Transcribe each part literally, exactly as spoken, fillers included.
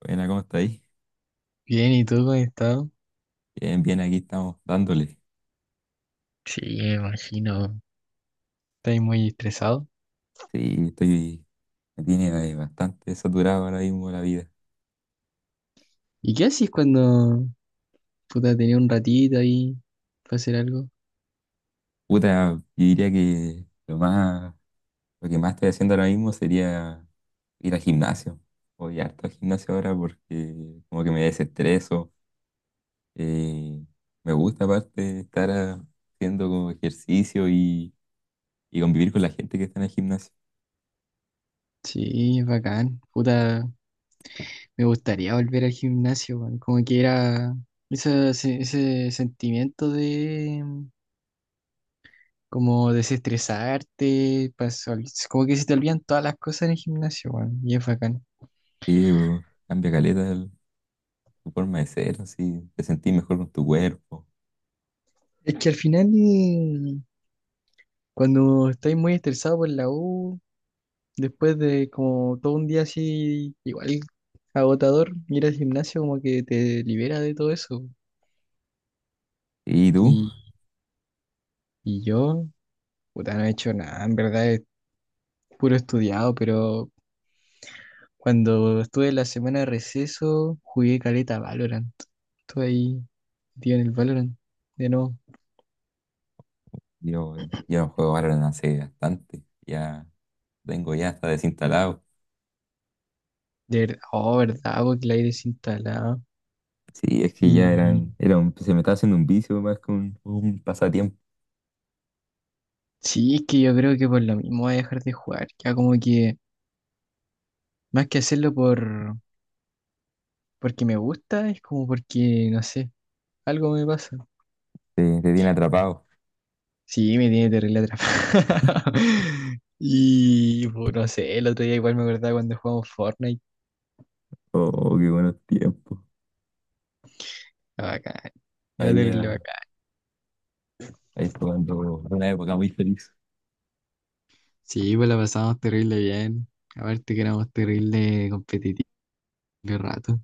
Buena, ¿cómo está ahí? Bien, ¿y tú cómo has estado? Bien, bien, aquí estamos dándole. Sí, me imagino. ¿Estás muy estresado? Sí, estoy, me tiene eh, bastante saturado ahora mismo la vida. ¿Y qué haces cuando, puta, tenía un ratito ahí para hacer algo? Puta, yo diría que lo más, lo que más estoy haciendo ahora mismo sería ir al gimnasio. Voy harto al gimnasio ahora porque como que me desestreso. eh, Me gusta aparte estar ah, haciendo como ejercicio y, y convivir con la gente que está en el gimnasio. Sí, es bacán. Puta, me gustaría volver al gimnasio, weón. Como que era esa se- ese, sentimiento de mm, como desestresarte, pasó, como que se te olvidan todas las cosas en el gimnasio, weón. Y es bacán. Sí, pues, cambia caleta el- tu forma de ser, así, te sentís mejor con tu cuerpo. Es que al final, eh, cuando estás muy estresado por la U, después de como todo un día así, igual agotador, ir al gimnasio como que te libera de todo eso. Sí, ¿y tú? Y, y yo, puta, no he hecho nada, en verdad es puro estudiado, pero cuando estuve en la semana de receso, jugué caleta Valorant. Estuve ahí, tío, en el Valorant, de nuevo. Yo, yo no juego Valorant hace bastante. Ya tengo ya hasta desinstalado. De verdad, oh, verdad, porque la aire instalado. Sí, es que ya Y eran, era un- se me estaba haciendo un vicio más que un, un pasatiempo. sí, es que yo creo que por lo mismo voy a dejar de jugar, ya como que más que hacerlo por porque me gusta, es como porque, no sé, algo me pasa. Te, te tiene atrapado. Sí, me tiene terrible atrapado. Y, pues, no sé, el otro día igual me acordaba cuando jugamos Fortnite. Oh, qué buenos tiempos. Era bacán, era Ahí terrible era, bacán. ahí jugando una época muy feliz. Sí, pues la pasamos terrible bien. Aparte que éramos terrible competitivos de rato.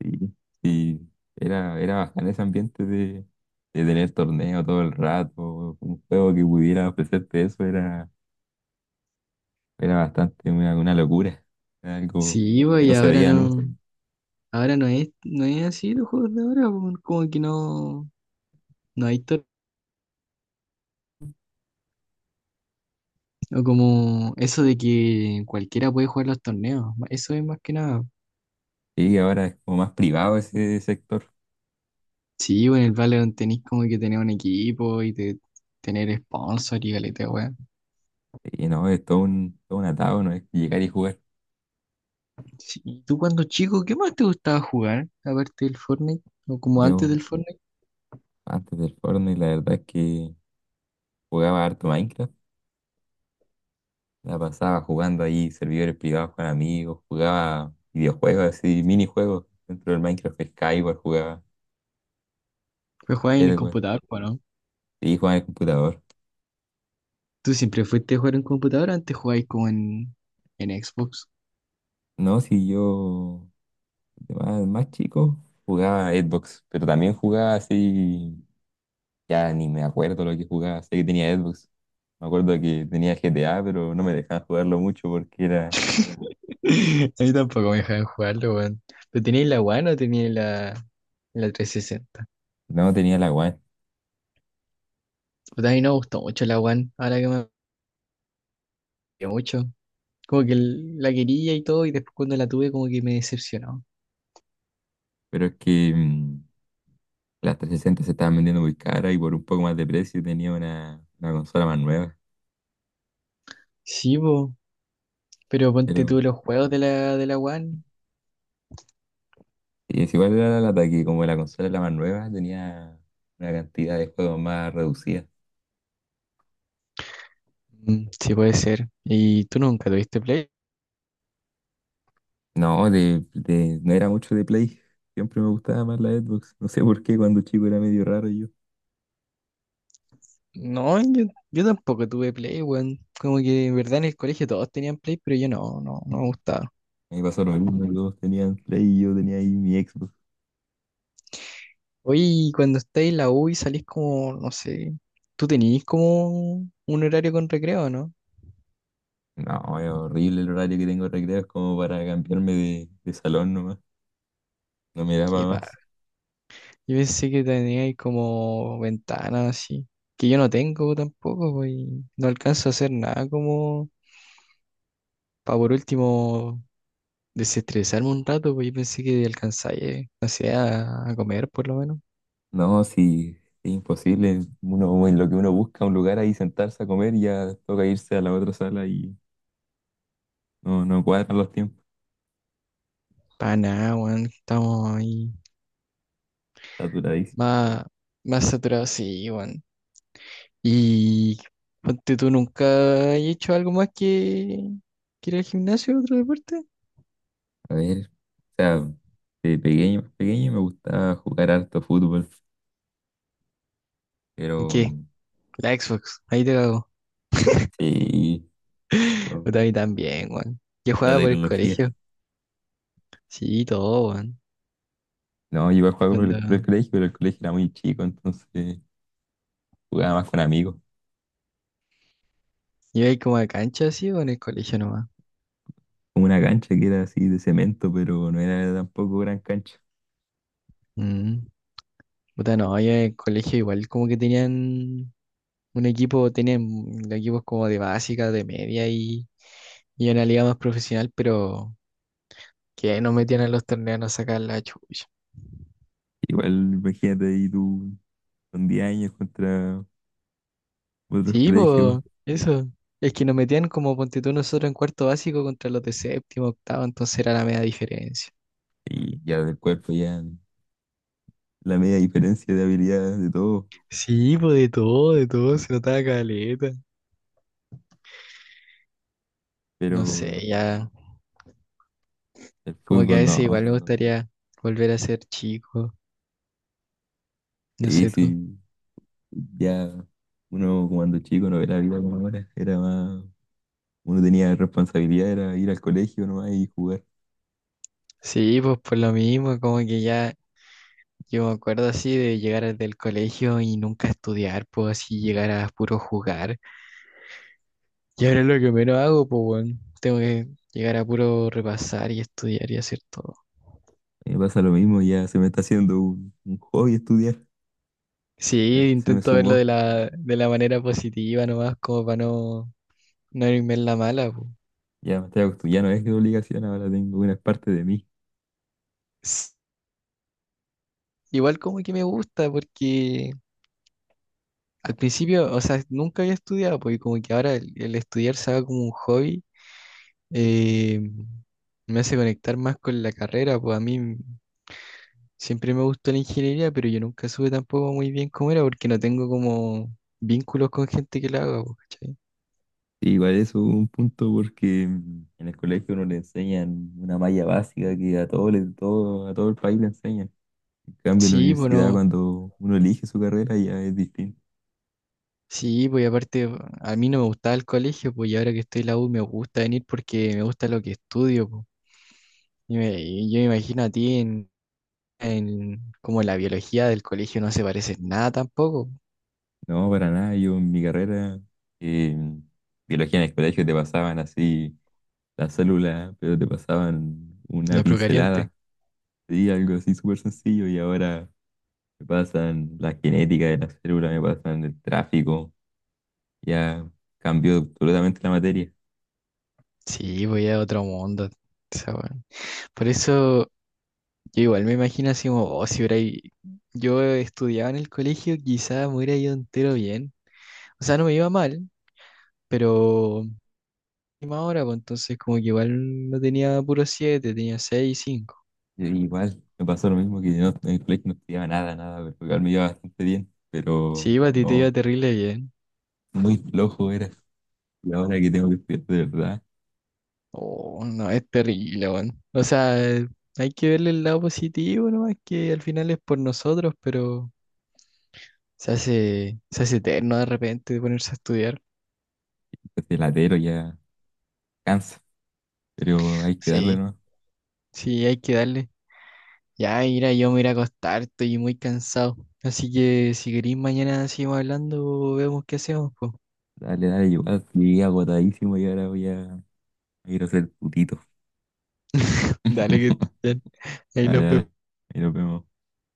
Sí, sí. Era, era bacán ese ambiente de, de tener torneo todo el rato. Un juego que pudiera ofrecerte eso era, era bastante una, una locura. Era algo Sí, pues, que y no se ahora veía. no, ahora no es, no es así los juegos de ahora, pues, como que no, no hay tor- o como eso de que cualquiera puede jugar los torneos, eso es más que nada. Y ahora es como más privado ese sector. Sí, güey, en el Valorant tenés como que tener un equipo y te- tener sponsor y galeta, weón. Y no, es todo un, todo un atado, no es llegar y jugar. Sí, ¿y tú cuando chico, qué más te gustaba jugar? Aparte del Fortnite, o como antes Yo del Fortnite, antes del Fortnite, la verdad es que jugaba harto Minecraft. La pasaba jugando ahí servidores privados con amigos, jugaba videojuegos así, minijuegos dentro del Minecraft, Skyward jugaba, pues jugabas en el Edward, computador, po, ¿no? y jugaba en el computador. ¿Tú siempre fuiste a jugar en computador o antes jugabas como en, en Xbox? No, si yo de más, más chico jugaba Xbox, pero también jugaba así. Ya ni me acuerdo lo que jugaba. Sé que tenía Xbox. Me acuerdo que tenía G T A, pero no me dejaban jugarlo mucho porque era... A mí tampoco me dejaban jugarlo, weón. ¿Pero tenías la One o tenías la, la trescientos sesenta? No tenía la One. Pues a mí no me gustó mucho la One, ahora que me gustó mucho. Como que el- la quería y todo, y después cuando la tuve como que me decepcionó. Pero es que mm, las trescientos sesenta se estaban vendiendo muy cara y por un poco más de precio tenía una, una consola más nueva. Sí, po, pero ponte Pero tú los juegos de la, de la One. sí, es igual era la lata que como la consola era la más nueva, tenía una cantidad de juegos más reducida. Mm, sí, puede ser. ¿Y tú nunca tuviste Play? No, de, de- no era mucho de Play. Siempre me gustaba más la Xbox. No sé por qué cuando chico era medio raro yo. No, yo, yo tampoco tuve Play, weón. Como que en verdad en el colegio todos tenían Play, pero yo no, no, no me gustaba. A mí pasó lo mismo, todos tenían Play y yo tenía ahí mi Xbox. Hoy cuando estáis en la U y salís como, no sé, tú tenías como un horario con recreo, ¿no? No, es horrible el horario que tengo de recreo, es como para cambiarme de, de salón nomás, no me da para Qué más. padre. Yo pensé que teníais como ventanas así, que yo no tengo tampoco, po, y no alcanzo a hacer nada como para por último desestresarme un rato, pues yo pensé que alcanzáis, no sé, a, a comer por lo menos. No, sí, es imposible, uno, en lo que uno busca un lugar ahí sentarse a comer, ya toca irse a la otra sala y no, no cuadran los tiempos, Para nada, weón, estamos ahí saturadísimo. más, más saturados, sí, weón. Y ponte tú, ¿nunca has hecho algo más que, que ir al gimnasio o otro deporte? A ver, o sea, de pequeño, más pequeño me gustaba jugar harto fútbol, pero ¿Qué? mm, La Xbox, ahí te cago. sí, con Puta, a mí también, weón. Yo la jugaba por el tecnología. colegio, sí, todo, weón. No, yo iba a jugar por el, por el Cuando colegio, pero el colegio era muy chico, entonces jugaba más con amigos. iba ahí como a cancha, sí, o en el colegio nomás. Una cancha que era así de cemento, pero no era tampoco gran cancha. Mm. Puta, no, yo en el colegio igual como que tenían un equipo, tienen equipos como de básica, de media y, y una liga más profesional, pero que no metían a los torneos a sacar la chucha. Igual, imagínate ahí tú con diez años contra otros Sí, colegios pues, eso. Es que nos metían como ponte tú nosotros en cuarto básico contra los de séptimo, octavo, entonces era la media diferencia. y ya del cuerpo ya la media diferencia de habilidades de todo, Sí, pues de todo, de todo, se notaba caleta. No sé, pero ya, el como que a fútbol veces igual no. me gustaría volver a ser chico, no Sí, sé tú. sí, ya uno cuando chico no era la vida como ahora, era más, uno tenía responsabilidad, era ir al colegio nomás y jugar. Sí, pues por lo mismo, como que ya yo me acuerdo así de llegar del colegio y nunca estudiar, pues así llegar a puro jugar. Y ahora es lo que menos hago, pues bueno, tengo que llegar a puro repasar y estudiar y hacer todo. Me pasa lo mismo, ya se me está haciendo un, un hobby estudiar, ya Sí, se me intento verlo de sumó. la, de la manera positiva nomás, como para no, no irme en la mala, pues. Ya me estoy acostumbrado, ya no es de obligación, ahora tengo una parte de mí. S- Igual como que me gusta, porque al principio, o sea, nunca había estudiado, pues y como que ahora el, el estudiar se va como un hobby, eh, me hace conectar más con la carrera, pues a mí siempre me gustó la ingeniería, pero yo nunca supe tampoco muy bien cómo era porque no tengo como vínculos con gente que la haga, po, ¿cachai? Sí, igual eso es un punto porque mm, en el colegio no le enseñan una malla básica que a todo, le- todo, a todo el país le enseñan. En cambio, en la Sí, pues universidad, no. cuando uno elige su carrera, ya es distinto. Sí, pues y aparte a mí no me gustaba el colegio, pues y ahora que estoy en la U me gusta venir porque me gusta lo que estudio, pues. Y, me- y yo me imagino a ti en, en como la biología del colegio no se parece en nada tampoco. No, para nada, yo en mi carrera, eh, biología en el colegio te pasaban así las células pero te pasaban una La procariante. pincelada, sí, algo así súper sencillo, y ahora me pasan la genética de las células me pasan el tráfico. Ya cambió absolutamente la materia. Sí, voy a otro mundo. Esa weá. Por eso yo igual me imagino así como, oh, si hubiera i- yo estudiaba en el colegio, quizás me hubiera ido entero bien. O sea, no me iba mal, pero última hora, pues entonces como que igual no tenía puro siete tenía seis cinco 5. Y igual me pasó lo mismo que yo no- en el colegio no estudiaba nada, nada, pero igual me iba bastante bien, Sí, pero a ti te iba no, terrible bien. muy flojo era. Y ahora que tengo que estudiar de verdad, Oh, no, es terrible, weón. O sea, hay que verle el lado positivo nomás, que al final es por nosotros, pero se hace, se hace eterno de repente ponerse a estudiar. este latero ya cansa, pero hay que darle, Sí, ¿no? sí, hay que darle. Ya, mira, yo me iré a acostar, estoy muy cansado. Así que si querís, mañana seguimos hablando, vemos qué hacemos, pues. Dale, dale, igual llegué agotadísimo y ahora voy a a ir a hacer putito. Dale que estés bien. Ahí Dale, nos vemos. dale, ahí nos vemos.